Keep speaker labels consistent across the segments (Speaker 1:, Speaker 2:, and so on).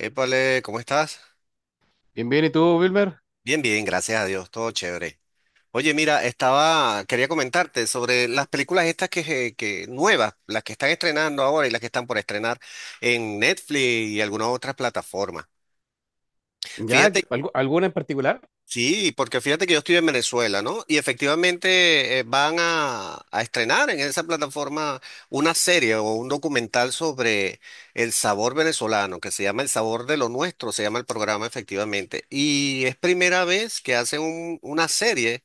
Speaker 1: Épale, ¿cómo estás?
Speaker 2: Bien, bien, ¿y tú, Wilmer?
Speaker 1: Bien, bien, gracias a Dios, todo chévere. Oye, mira, quería comentarte sobre las películas estas que nuevas, las que están estrenando ahora y las que están por estrenar en Netflix y algunas otras plataformas.
Speaker 2: ¿Ya?
Speaker 1: Fíjate.
Speaker 2: ¿Alguna en particular?
Speaker 1: Sí, porque fíjate que yo estoy en Venezuela, ¿no? Y efectivamente van a estrenar en esa plataforma una serie o un documental sobre el sabor venezolano, que se llama El Sabor de lo Nuestro, se llama el programa efectivamente. Y es primera vez que hacen una serie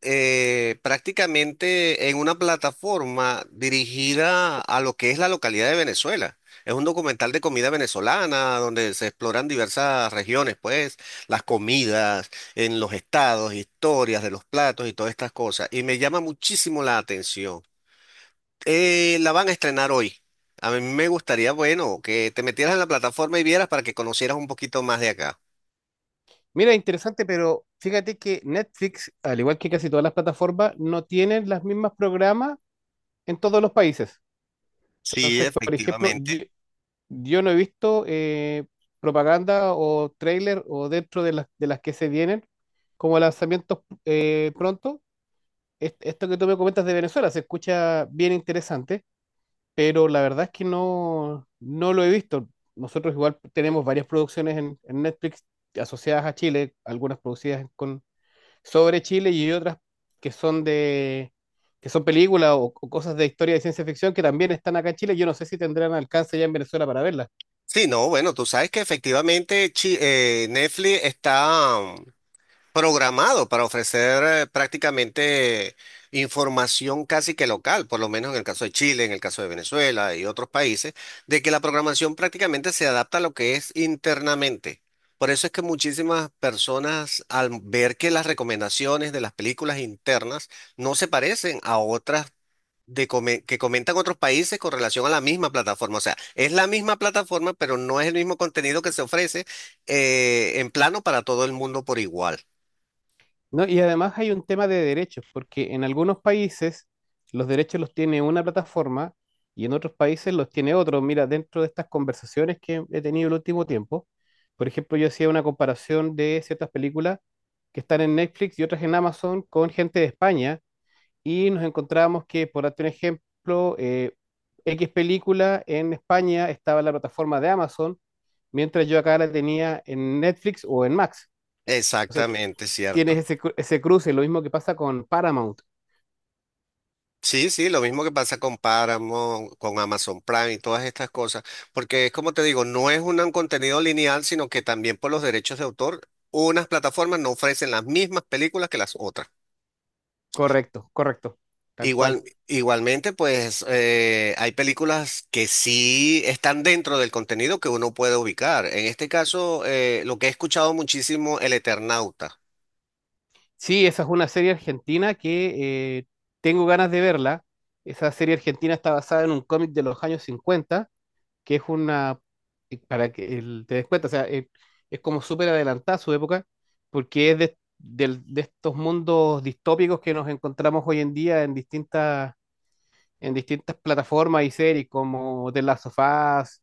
Speaker 1: prácticamente en una plataforma dirigida a lo que es la localidad de Venezuela. Es un documental de comida venezolana donde se exploran diversas regiones, pues, las comidas en los estados, historias de los platos y todas estas cosas. Y me llama muchísimo la atención. La van a estrenar hoy. A mí me gustaría, bueno, que te metieras en la plataforma y vieras para que conocieras un poquito más de acá.
Speaker 2: Mira, interesante, pero fíjate que Netflix, al igual que casi todas las plataformas, no tienen las mismas programas en todos los países.
Speaker 1: Sí,
Speaker 2: Entonces, por ejemplo, yo,
Speaker 1: efectivamente.
Speaker 2: yo no he visto propaganda o trailer o dentro de las que se vienen como lanzamientos pronto. Esto que tú me comentas de Venezuela se escucha bien interesante. Pero la verdad es que no lo he visto. Nosotros igual tenemos varias producciones en Netflix asociadas a Chile, algunas producidas con, sobre Chile y otras que son de, que son películas o cosas de historia de ciencia ficción que también están acá en Chile. Yo no sé si tendrán alcance ya en Venezuela para verlas.
Speaker 1: Sí, no, bueno, tú sabes que efectivamente Netflix está programado para ofrecer prácticamente información casi que local, por lo menos en el caso de Chile, en el caso de Venezuela y otros países, de que la programación prácticamente se adapta a lo que es internamente. Por eso es que muchísimas personas, al ver que las recomendaciones de las películas internas no se parecen a otras que comentan otros países con relación a la misma plataforma. O sea, es la misma plataforma, pero no es el mismo contenido que se ofrece en plano para todo el mundo por igual.
Speaker 2: No, y además hay un tema de derechos, porque en algunos países los derechos los tiene una plataforma y en otros países los tiene otro. Mira, dentro de estas conversaciones que he tenido el último tiempo, por ejemplo, yo hacía una comparación de ciertas películas que están en Netflix y otras en Amazon con gente de España y nos encontrábamos que, por darte un ejemplo, X película en España estaba en la plataforma de Amazon, mientras yo acá la tenía en Netflix o en Max.
Speaker 1: Exactamente,
Speaker 2: Tienes
Speaker 1: cierto.
Speaker 2: ese, ese cruce, lo mismo que pasa con Paramount.
Speaker 1: Sí, sí, lo mismo que pasa con Paramount, con Amazon Prime y todas estas cosas, porque es como te digo, no es un contenido lineal, sino que también por los derechos de autor, unas plataformas no ofrecen las mismas películas que las otras.
Speaker 2: Correcto, correcto, tal cual.
Speaker 1: Igual, igualmente, pues hay películas que sí están dentro del contenido que uno puede ubicar. En este caso, lo que he escuchado muchísimo, El Eternauta.
Speaker 2: Sí, esa es una serie argentina que tengo ganas de verla. Esa serie argentina está basada en un cómic de los años 50, que es una, para que te des cuenta, o sea, es como súper adelantada a su época, porque es de estos mundos distópicos que nos encontramos hoy en día en distintas plataformas y series como The Last of Us,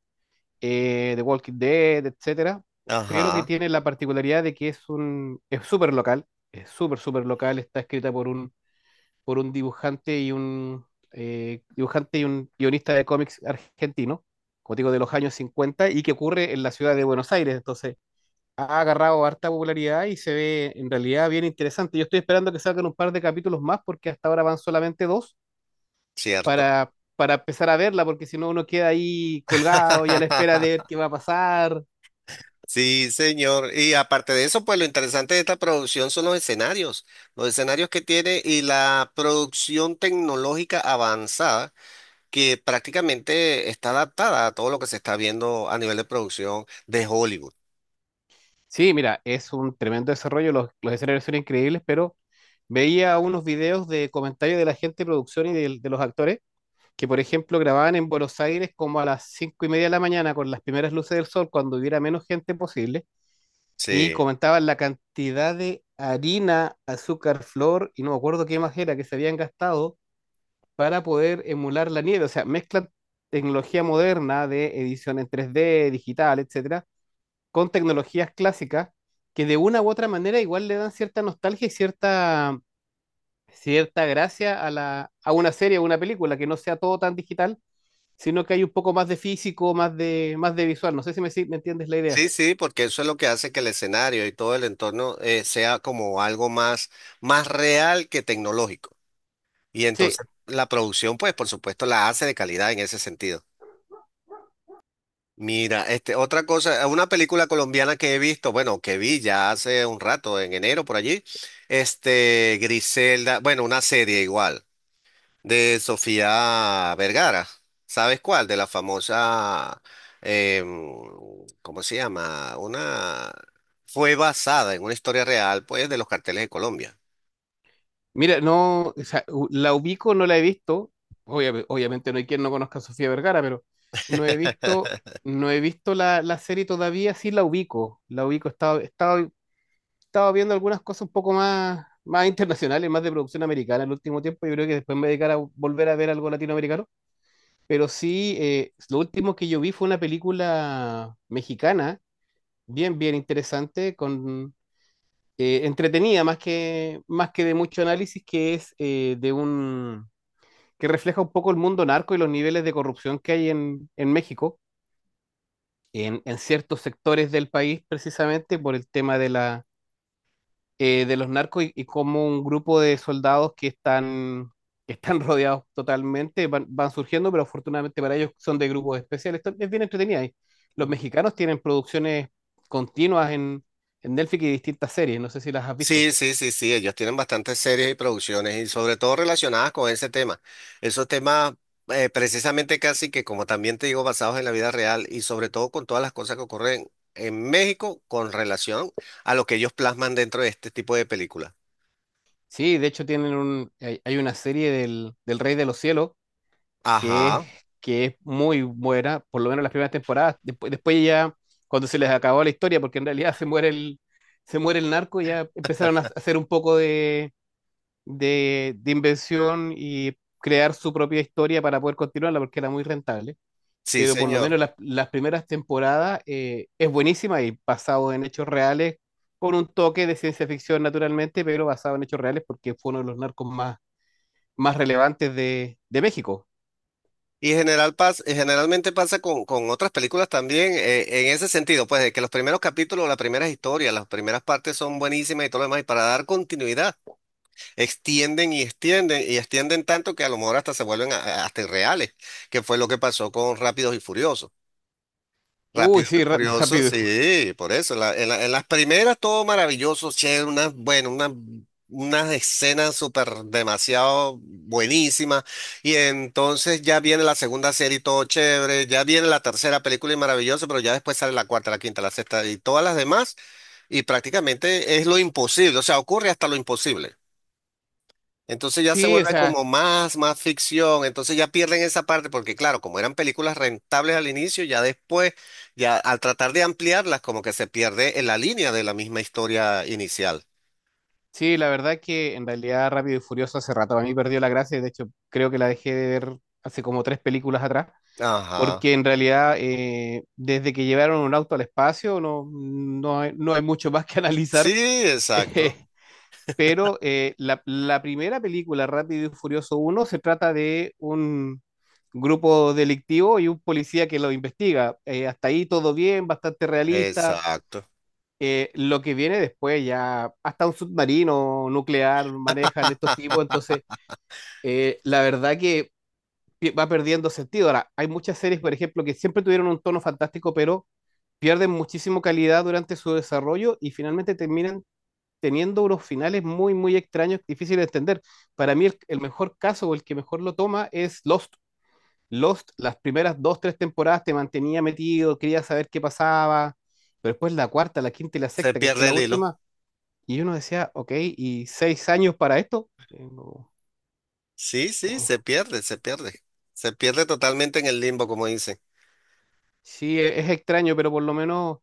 Speaker 2: The Walking Dead, etcétera, pero que
Speaker 1: Ajá,
Speaker 2: tiene la particularidad de que es un, es súper local, es súper, súper local, está escrita por un dibujante y un dibujante y un guionista de cómics argentino, como digo, de los años 50 y que ocurre en la ciudad de Buenos Aires. Entonces ha agarrado harta popularidad y se ve en realidad bien interesante. Yo estoy esperando que salgan un par de capítulos más porque hasta ahora van solamente dos
Speaker 1: cierto.
Speaker 2: para, para empezar a verla, porque si no uno queda ahí colgado y a la espera de ver qué va a pasar.
Speaker 1: Sí, señor. Y aparte de eso, pues lo interesante de esta producción son los escenarios que tiene y la producción tecnológica avanzada que prácticamente está adaptada a todo lo que se está viendo a nivel de producción de Hollywood.
Speaker 2: Sí, mira, es un tremendo desarrollo, los escenarios son increíbles, pero veía unos videos de comentarios de la gente de producción y los actores, que por ejemplo grababan en Buenos Aires como a las 5:30 de la mañana con las primeras luces del sol, cuando hubiera menos gente posible, y
Speaker 1: Sí.
Speaker 2: comentaban la cantidad de harina, azúcar, flor y no me acuerdo qué más era que se habían gastado para poder emular la nieve. O sea, mezclan tecnología moderna de edición en 3D, digital, etcétera, con tecnologías clásicas que de una u otra manera igual le dan cierta nostalgia y cierta, cierta gracia a la, a una serie o una película, que no sea todo tan digital, sino que hay un poco más de físico, más de visual. No sé si me, si me entiendes la idea.
Speaker 1: Sí, sí, porque eso es lo que hace que el escenario y todo el entorno sea como algo más, más real que tecnológico. Y
Speaker 2: Sí,
Speaker 1: entonces la producción, pues por supuesto, la hace de calidad en ese sentido. Mira, este, otra cosa, una película colombiana que he visto, bueno, que vi ya hace un rato, en enero por allí, este, Griselda, bueno, una serie igual, de Sofía Vergara, ¿sabes cuál? De la famosa, em, ¿cómo se llama? Una, fue basada en una historia real, pues, de los carteles de Colombia.
Speaker 2: mira, no, o sea, la ubico, no la he visto. Obviamente no hay quien no conozca a Sofía Vergara, pero no he visto, no he visto la serie todavía, sí la ubico. La ubico, estaba, estaba viendo algunas cosas un poco más, más internacionales, más de producción americana en el último tiempo. Yo creo que después me dedicaré a volver a ver algo latinoamericano. Pero sí, lo último que yo vi fue una película mexicana, bien, bien interesante, con, entretenida, más que de mucho análisis, que es que refleja un poco el mundo narco y los niveles de corrupción que hay en México, en ciertos sectores del país, precisamente por el tema de la de los narcos y cómo un grupo de soldados que están rodeados totalmente van, van surgiendo, pero afortunadamente para ellos son de grupos especiales. Esto es bien entretenida. Y los mexicanos tienen producciones continuas en Netflix y distintas series. No sé si las has visto.
Speaker 1: Sí, sí, sí, sí, ellos tienen bastantes series y producciones y sobre todo relacionadas con ese tema. Esos temas precisamente casi que como también te digo basados en la vida real y sobre todo con todas las cosas que ocurren en México con relación a lo que ellos plasman dentro de este tipo de películas.
Speaker 2: Sí, de hecho tienen un, hay una serie del Rey de los Cielos que es,
Speaker 1: Ajá,
Speaker 2: que es muy buena, por lo menos las primeras temporadas. Después, después ya, cuando se les acabó la historia, porque en realidad se muere el narco, ya empezaron a hacer un poco de inversión y crear su propia historia para poder continuarla porque era muy rentable.
Speaker 1: sí,
Speaker 2: Pero por lo
Speaker 1: señor.
Speaker 2: menos las primeras temporadas es buenísima y basado en hechos reales, con un toque de ciencia ficción naturalmente, pero basado en hechos reales porque fue uno de los narcos más, más relevantes de México.
Speaker 1: Y generalmente pasa con otras películas también en ese sentido, pues de que los primeros capítulos, las primeras historias, las primeras partes son buenísimas y todo lo demás, y para dar continuidad. Extienden y extienden y extienden tanto que a lo mejor hasta se vuelven hasta irreales, que fue lo que pasó con Rápidos y Furiosos.
Speaker 2: Uy,
Speaker 1: Rápidos y
Speaker 2: sí,
Speaker 1: Furiosos,
Speaker 2: rápido. Y
Speaker 1: sí, por eso. En las primeras todo maravilloso, che, unas, bueno, unas, unas escenas súper demasiado buenísimas. Y entonces ya viene la segunda serie y todo chévere, ya viene la tercera película y maravilloso, pero ya después sale la cuarta, la quinta, la sexta y todas las demás. Y prácticamente es lo imposible, o sea, ocurre hasta lo imposible. Entonces ya se
Speaker 2: sí, o
Speaker 1: vuelve
Speaker 2: sea,
Speaker 1: como más, más ficción, entonces ya pierden esa parte porque claro, como eran películas rentables al inicio, ya después, ya al tratar de ampliarlas, como que se pierde en la línea de la misma historia inicial.
Speaker 2: sí, la verdad que en realidad Rápido y Furioso hace rato a mí perdió la gracia, y de hecho creo que la dejé de ver hace como 3 películas atrás.
Speaker 1: Ajá.
Speaker 2: Porque en realidad, desde que llevaron un auto al espacio, no, no hay mucho más que analizar.
Speaker 1: Sí,
Speaker 2: Eh,
Speaker 1: exacto,
Speaker 2: pero la primera película, Rápido y Furioso uno, se trata de un grupo delictivo y un policía que lo investiga. Hasta ahí todo bien, bastante realista.
Speaker 1: exacto.
Speaker 2: Lo que viene después ya, hasta un submarino nuclear manejan estos tipos. Entonces, la verdad que va perdiendo sentido. Ahora, hay muchas series, por ejemplo, que siempre tuvieron un tono fantástico, pero pierden muchísimo calidad durante su desarrollo y finalmente terminan teniendo unos finales muy, muy extraños, difíciles de entender. Para mí, el mejor caso o el que mejor lo toma es Lost. Lost, las primeras dos, tres temporadas te mantenía metido, quería saber qué pasaba, pero después la cuarta, la quinta y la
Speaker 1: Se
Speaker 2: sexta, que fue
Speaker 1: pierde
Speaker 2: la
Speaker 1: el hilo.
Speaker 2: última, y uno decía, ok, ¿y 6 años para esto? No,
Speaker 1: Sí, sí, se
Speaker 2: como-
Speaker 1: pierde, se pierde. Se pierde totalmente en el limbo, como dicen.
Speaker 2: sí, es extraño, pero por lo menos.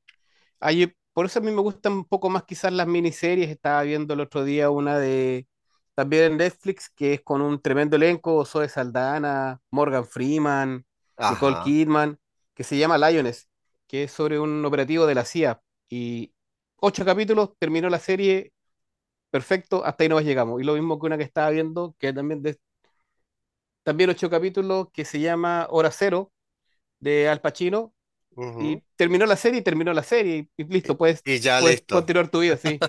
Speaker 2: Ay, por eso a mí me gustan un poco más quizás las miniseries. Estaba viendo el otro día una de también en Netflix que es con un tremendo elenco, Zoe Saldana, Morgan Freeman, Nicole
Speaker 1: Ajá.
Speaker 2: Kidman, que se llama Lioness, que es sobre un operativo de la CIA. Y 8 capítulos, terminó la serie, perfecto, hasta ahí nomás llegamos. Y lo mismo que una que estaba viendo, que también, también 8 capítulos, que se llama Hora Cero, de Al Pacino, y
Speaker 1: Ujú.
Speaker 2: terminó la serie y terminó la serie y listo, puedes,
Speaker 1: Y ya
Speaker 2: puedes
Speaker 1: listo.
Speaker 2: continuar tu vida, sí,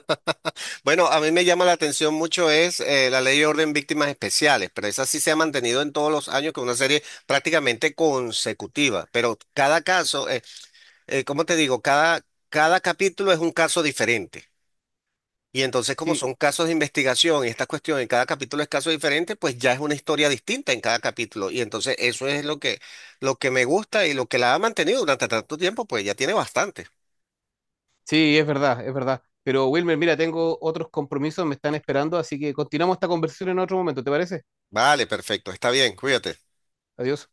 Speaker 1: Bueno, a mí me llama la atención mucho es la ley de orden víctimas especiales, pero esa sí se ha mantenido en todos los años con una serie prácticamente consecutiva, pero cada caso, ¿cómo te digo? Cada, cada capítulo es un caso diferente. Y entonces, como
Speaker 2: sí,
Speaker 1: son casos de investigación y esta cuestión en cada capítulo es caso diferente, pues ya es una historia distinta en cada capítulo. Y entonces eso es lo que me gusta y lo que la ha mantenido durante tanto tiempo, pues ya tiene bastante.
Speaker 2: sí, es verdad, es verdad. Pero Wilmer, mira, tengo otros compromisos, me están esperando, así que continuamos esta conversación en otro momento, ¿te parece?
Speaker 1: Vale, perfecto, está bien, cuídate.
Speaker 2: Adiós.